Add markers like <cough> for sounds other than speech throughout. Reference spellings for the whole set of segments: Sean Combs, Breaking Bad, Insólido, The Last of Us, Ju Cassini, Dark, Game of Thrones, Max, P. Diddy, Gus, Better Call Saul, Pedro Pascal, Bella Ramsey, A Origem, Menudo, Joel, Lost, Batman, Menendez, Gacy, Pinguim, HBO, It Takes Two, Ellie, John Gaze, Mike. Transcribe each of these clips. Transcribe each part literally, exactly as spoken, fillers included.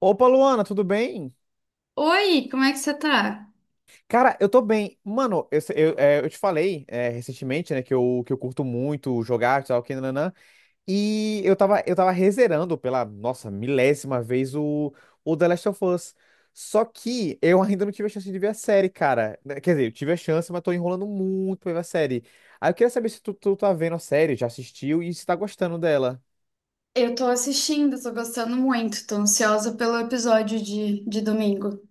Opa, Luana, tudo bem? Oi, como é que você tá? Cara, eu tô bem. Mano, eu, se- eu, é, eu te falei é, recentemente, né, que eu, que eu curto muito jogar, tal, que nananã, e eu tava, eu tava rezerando pela, nossa, milésima vez o, o The Last of Us. Só que eu ainda não tive a chance de ver a série, cara. Né, quer dizer, eu tive a chance, mas tô enrolando muito pra ver a série. Aí eu queria saber se tu, tu tá vendo a série, já assistiu e se tá gostando dela. Eu tô assistindo, tô gostando muito, tô ansiosa pelo episódio de, de domingo.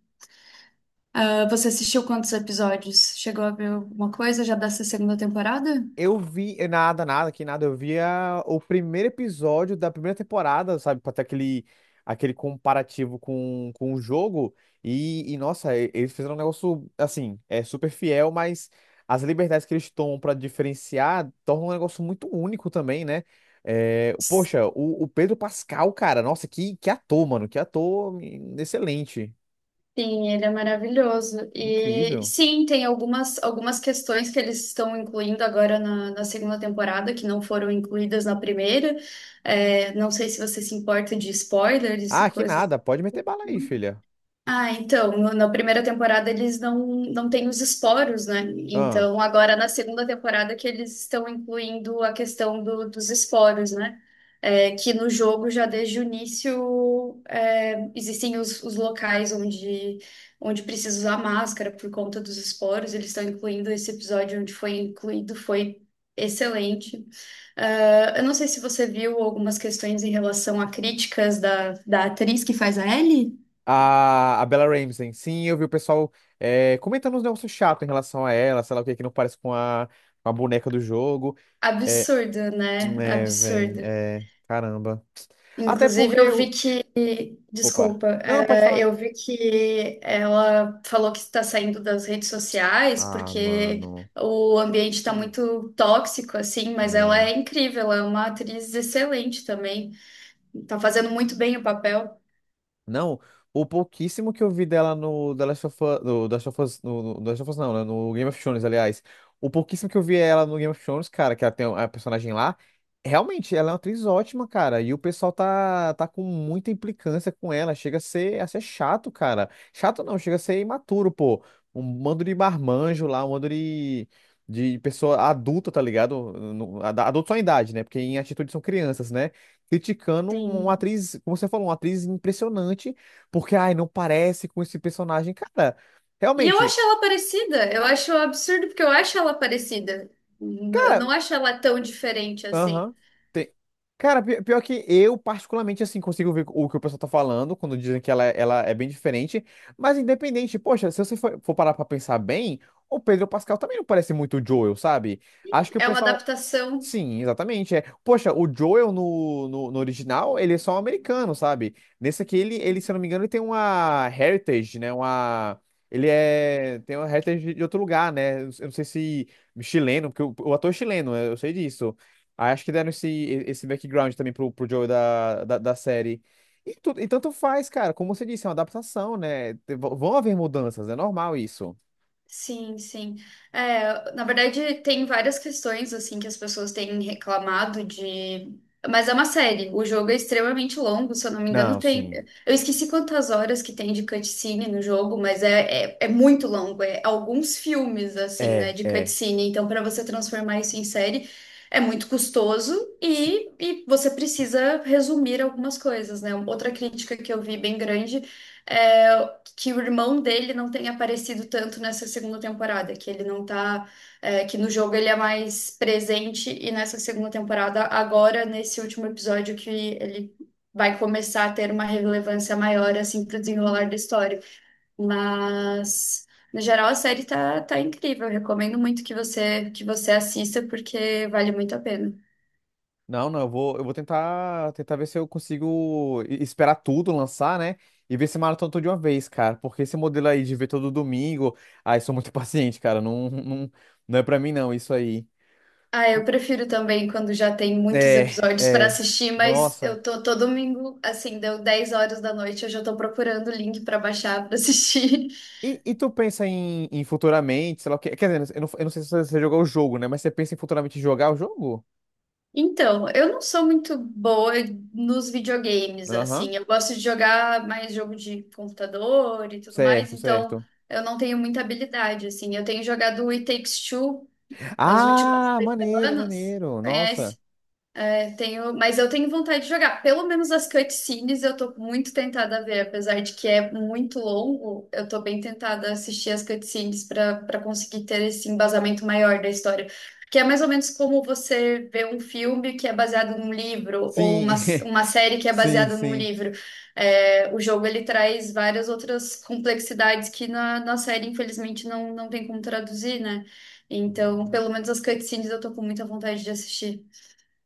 Ah, você assistiu quantos episódios? Chegou a ver alguma coisa já dessa segunda temporada? Eu vi, eh, nada, nada, que nada, eu via o primeiro episódio da primeira temporada, sabe, pra ter aquele, aquele comparativo com, com o jogo, e, e, nossa, e- eles fizeram um negócio, assim, é super fiel, mas as liberdades que eles tomam pra diferenciar tornam um negócio muito único também, né? Eh, poxa, o, o Pedro Pascal, cara, nossa, que, que ator, mano, que ator hum, excelente, Sim, ele é maravilhoso. E incrível. sim, tem algumas, algumas questões que eles estão incluindo agora na, na segunda temporada que não foram incluídas na primeira. É, não sei se você se importa de spoilers Ah, e que coisas nada, pode meter bala aí, assim. filha. Ah, então, no- na primeira temporada eles não, não têm os esporos, né? Então, agora na segunda temporada que eles estão incluindo a questão do- dos esporos, né? É, que no jogo já desde o início é, existem os, os locais onde, onde precisa usar máscara por conta dos esporos. Eles estão incluindo esse episódio onde foi incluído, foi excelente. Ah, eu não sei se você viu algumas questões em relação a críticas da, da atriz que faz a Ellie. A, a Bella Ramsey. Sim, eu vi o pessoal é, comentando uns negócios chatos em relação a ela, sei lá o que, que não parece com a, com a boneca do jogo. É, Absurdo, né? é, véi, Absurdo. é, caramba. Até Inclusive, eu porque. vi o- que. Opa. Desculpa, Não, pode é, falar. eu vi que ela falou que está saindo das redes sociais Ah, porque mano. o ambiente está muito tóxico, assim, mas ela É. é incrível, ela é uma atriz excelente também. Tá fazendo muito bem o papel. Não, o pouquíssimo que eu vi dela no The Last of Us, no, The Last of Us, no, no The Last of Us não, né? No Game of Thrones, aliás. O pouquíssimo que eu vi ela no Game of Thrones, cara, que ela tem a personagem lá, realmente, ela é uma atriz ótima, cara. E o pessoal tá, tá com muita implicância com ela. Chega a ser, a ser chato, cara. Chato não, chega a ser imaturo, pô. Um bando de marmanjo lá, um bando de, de pessoa adulta, tá ligado? No- ad- Adulto só em idade, né? Porque em atitude são crianças, né? Criticando um, uma Tem... atriz, como você falou, uma atriz impressionante, porque, ai, não parece com esse personagem. Cara, E eu realmente, acho ela parecida, eu acho absurdo porque eu acho ela parecida. N- Eu não cara, acho ela tão diferente assim. aham. tem- Cara, pi- pior que eu, particularmente, assim, consigo ver o que o pessoal tá falando quando dizem que ela, ela é bem diferente, mas independente, poxa, se você for, for parar pra pensar bem, o Pedro Pascal também não parece muito o Joel, sabe? Acho que o É uma pessoal, adaptação. sim, exatamente. É. Poxa, o Joel no, no, no original, ele é só um americano, sabe? Nesse aqui, ele, ele, se eu não me engano, ele tem uma heritage, né? Uma... Ele é... tem uma heritage de outro lugar, né? Eu não sei se chileno, porque o, o ator é chileno, eu sei disso. Aí acho que deram esse, esse background também pro, pro Joel da, da, da série. E, tu, e tanto faz, cara. Como você disse, é uma adaptação, né? Te- Vão haver mudanças, é normal isso. Sim, sim. É, na verdade, tem várias questões assim que as pessoas têm reclamado de. Mas é uma série. O jogo é extremamente longo, se eu não me engano, Não, tem. sim. Eu esqueci quantas horas que tem de cutscene no jogo, mas é, é, é muito longo. É alguns filmes, assim, né, É, de é. cutscene. Então, para você transformar isso em série, é muito custoso e, e você precisa resumir algumas coisas, né? Outra crítica que eu vi bem grande é que o irmão dele não tenha aparecido tanto nessa segunda temporada, que ele não tá, é, que no jogo ele é mais presente e nessa segunda temporada, agora nesse último episódio que ele vai começar a ter uma relevância maior assim pro desenrolar da história. Mas no geral a série tá, tá incrível, eu recomendo muito que você que você assista porque vale muito a pena. Não, não, eu vou, eu vou tentar, tentar ver se eu consigo e- esperar tudo lançar, né? E ver se maratona tudo de uma vez, cara. Porque esse modelo aí de ver todo domingo, ai, sou muito <laughs> paciente, cara. Não, não, não é pra mim, não, isso aí. Ah, eu prefiro também quando já tem muitos É, episódios para é. assistir, mas Nossa. eu tô todo domingo, assim, deu dez horas da noite, eu já tô procurando o link para baixar para assistir. <laughs> E, e tu pensa em, em futuramente, sei lá o quê? Quer dizer, eu não, eu não sei se você jogou o jogo, né? Mas você pensa em futuramente jogar o jogo? Então, eu não sou muito boa nos videogames, Aham. assim, eu gosto de jogar mais jogo de computador e tudo mais, Certo, então certo. eu não tenho muita habilidade, assim. Eu tenho jogado o It Takes Two nas últimas Ah, três maneiro, semanas, maneiro. Nossa. conhece? É, tenho, mas eu tenho vontade de jogar. Pelo menos as cutscenes eu tô muito tentada a ver, apesar de que é muito longo, eu tô bem tentada a assistir as cutscenes para para conseguir ter esse embasamento maior da história. Que é mais ou menos como você vê um filme que é baseado num livro, ou uma, Sim, uma série que <laughs> é sim, baseada num sim. livro. É, o jogo ele traz várias outras complexidades que na, na série, infelizmente, não, não tem como traduzir, né? Então, pelo menos as cutscenes eu tô com muita vontade de assistir.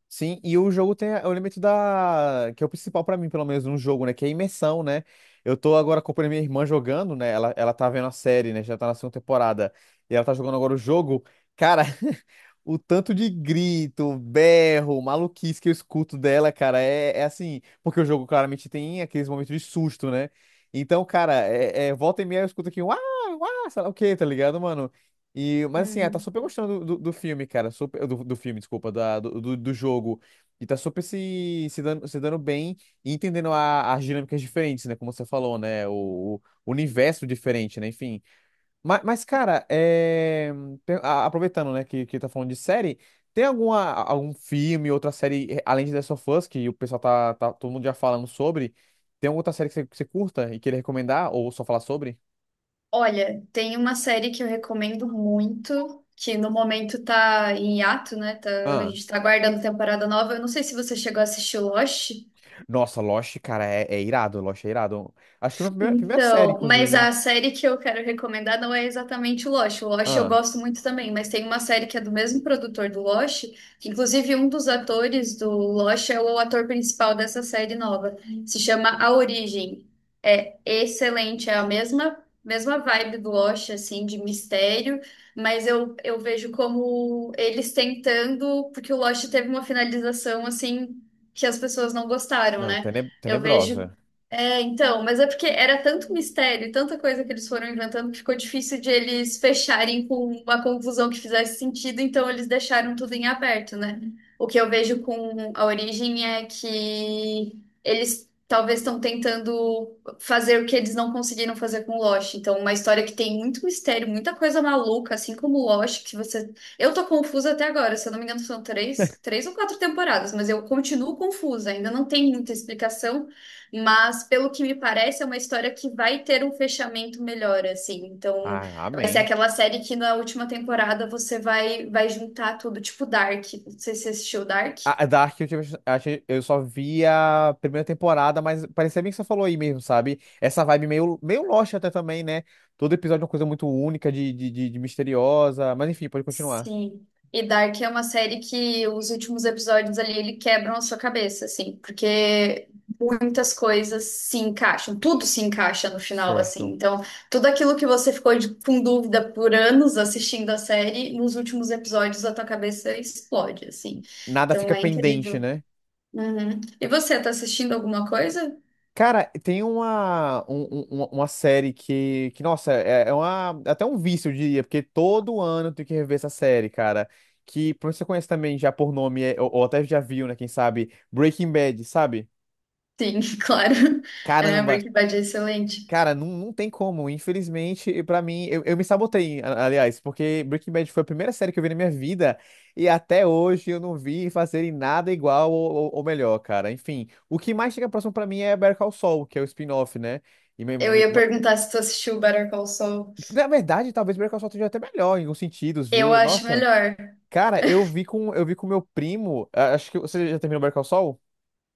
Sim, e o jogo tem o elemento da. Que é o principal pra mim, pelo menos, num jogo, né? Que é a imersão, né? Eu tô agora acompanhando minha irmã jogando, né? Ela, ela tá vendo a série, né? Já tá na segunda temporada. E ela tá jogando agora o jogo. Cara, <laughs> o tanto de grito, berro, maluquice que eu escuto dela, cara, é, é assim. Porque o jogo claramente tem aqueles momentos de susto, né? Então, cara, é, é, volta e meia eu escuto aqui, uau, ah, ah, sei lá o quê, tá ligado, mano? E, mas assim, ela tá Hum. super gostando do, do, do filme, cara. Super, do, do filme, desculpa, da, do, do, do jogo. E tá super se, se dando, se dando bem e entendendo a, as dinâmicas diferentes, né? Como você falou, né? O, o universo diferente, né? Enfim. Mas, mas, cara, é... tem- a- aproveitando, né, que, que tá falando de série, tem alguma, algum filme, outra série, eh, além de The Last of Us, que o pessoal tá, tá todo mundo já falando sobre, tem alguma outra série que você, que você curta e queira recomendar, ou só falar sobre? Olha, tem uma série que eu recomendo muito, que no momento tá em hiato, né? Tá- a Ah, gente tá aguardando temporada nova. Eu não sei se você chegou a assistir Lost. nossa, Lost, cara, é, é irado, Lost é irado. Acho que é a minha primeira, primeira série, Então, mas inclusive. a série que eu quero recomendar não é exatamente o Lost. O Lost eu Ah, gosto muito também, mas tem uma série que é do mesmo produtor do Lost, que inclusive um dos atores do Lost é o ator principal dessa série nova. Se chama A Origem. É excelente, é a mesma mesma vibe do Lost assim de mistério, mas eu, eu vejo como eles tentando, porque o Lost teve uma finalização assim que as pessoas não gostaram, não, né? tene- Eu vejo tenebrosa. é, então, mas é porque era tanto mistério, e tanta coisa que eles foram inventando que ficou difícil de eles fecharem com uma conclusão que fizesse sentido, então eles deixaram tudo em aberto, né? O que eu vejo com A Origem é que eles talvez estão tentando fazer o que eles não conseguiram fazer com Lost. Então, uma história que tem muito mistério, muita coisa maluca, assim como Lost, que você. Eu tô confusa até agora, se eu não me engano, são três, <laughs> três ou quatro temporadas, mas eu continuo confusa, ainda não tem muita explicação. Mas, pelo que me parece, é uma história que vai ter um fechamento melhor, assim. Então, Ah, vai ser amém. aquela série que na última temporada você vai, vai juntar tudo, tipo Dark. Não sei se você assistiu Dark. A a Dark, eu, tive, acho eu só vi a primeira temporada, mas parecia bem que você falou aí mesmo, sabe? Essa vibe meio, meio Lost até também, né? Todo episódio é uma coisa muito única, de, de, de, de misteriosa. Mas enfim, pode continuar. Sim. E Dark é uma série que os últimos episódios ali ele quebram a sua cabeça, assim, porque muitas coisas se encaixam, tudo se encaixa no final, assim. Certo. Então, tudo aquilo que você ficou de- com dúvida por anos assistindo a série, nos últimos episódios a tua cabeça explode, assim. Nada Então fica é pendente, incrível. né? Uhum. E você, tá assistindo alguma coisa? Cara, tem uma, um- um- uma, uma série que, que nossa, é, é uma, é até um vício, eu diria, porque todo ano tem que rever essa série, cara. Que provavelmente você conhece também já por nome, é- ou, ou até já viu, né? Quem sabe? Breaking Bad, sabe? Sim, <laughs> claro. É, Caramba. Breaking Bad é excelente. Cara, não, não tem como. Infelizmente, e pra mim, eu, eu me sabotei, a- aliás, porque Breaking Bad foi a primeira série que eu vi na minha vida e até hoje eu não vi fazerem nada igual ou, ou- ou melhor, cara. Enfim, o que mais chega próximo pra mim é Better Call Saul, que é o spin-off, né? E me- Eu me- ia ma- perguntar se tu assistiu Better Call Saul. na verdade, talvez Better Call Saul esteja até melhor em alguns sentidos, Eu viu? acho Nossa, melhor. cara, eu vi com eu vi com meu primo. a- Acho que você já terminou Better Call Saul?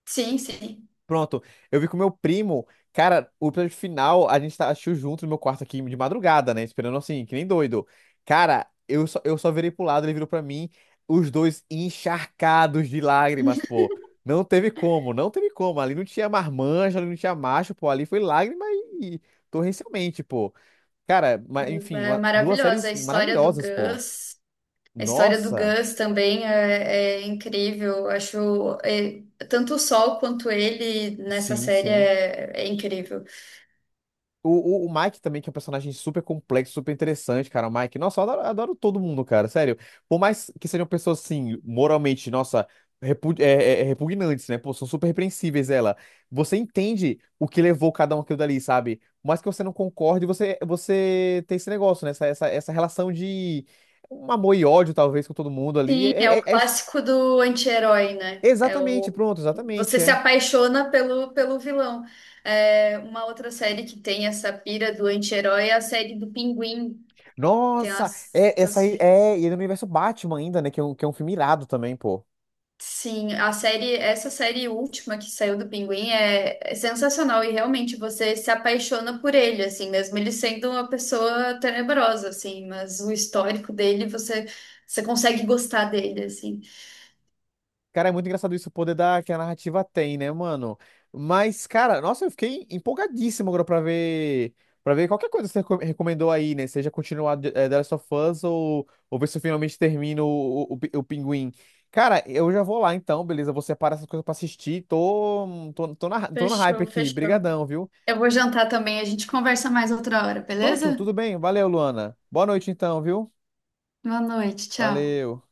Sim, sim. Pronto, eu vi com meu primo, cara, o episódio final a gente tá- assistiu junto no meu quarto aqui de madrugada, né? Esperando assim, que nem doido. Cara, eu só, eu só virei pro lado, ele virou pra mim, os dois encharcados de lágrimas, <laughs> pô. Não teve como, não teve como. Ali não tinha marmanjo, ali não tinha macho, pô. Ali foi lágrima e, e torrencialmente, pô. Cara, mas enfim, É uma- duas maravilhosa. A séries história do maravilhosas, pô. Gus. A história do Nossa, Gus também é, é incrível. Acho é, tanto o Sol quanto ele nessa sim, série sim. é, é incrível. O, o, o Mike também, que é um personagem super complexo, super interessante, cara. O Mike, nossa, eu adoro, adoro todo mundo, cara, sério. Por mais que sejam pessoas, assim, moralmente, nossa, repu- é, é- é repugnantes, né? Pô, são super repreensíveis ela. Você entende o que levou cada um aquilo dali, sabe? Por mais que você não concorde, você, você tem esse negócio, né? Essa, essa, essa relação de um amor e ódio, talvez, com todo mundo ali. Sim, é É, é- o é- é- clássico do anti-herói, né? É Exatamente, o, pronto, exatamente, você se é. apaixona pelo, pelo vilão. É, uma outra série que tem essa pira do anti-herói é a série do Pinguim. Tem Nossa, as, é, essa aí, é, e é no universo Batman ainda, né? Que é um, que é um filme irado também, pô. sim, a série, essa série última que saiu do Pinguim é, é sensacional e realmente você se apaixona por ele, assim, mesmo ele sendo uma pessoa tenebrosa, assim, mas o histórico dele, você, você consegue gostar dele, assim. Cara, é muito engraçado isso, o poder da, que a narrativa tem, né, mano? Mas, cara, nossa, eu fiquei empolgadíssimo agora pra ver, pra ver qualquer coisa que você reco- recomendou aí, né? Seja continuar de- eh, The Last of Us ou, ou ver se eu finalmente termino o, o, o Pi- o Pinguim. Cara, eu já vou lá então, beleza? Vou separar essas coisas pra assistir. Tô, tô, tô na, tô no hype Fechou, aqui. fechou. Brigadão, viu? Eu vou jantar também, a gente conversa mais outra hora, Pronto, beleza? tudo bem. Valeu, Luana. Boa noite então, viu? Boa noite, tchau. Valeu.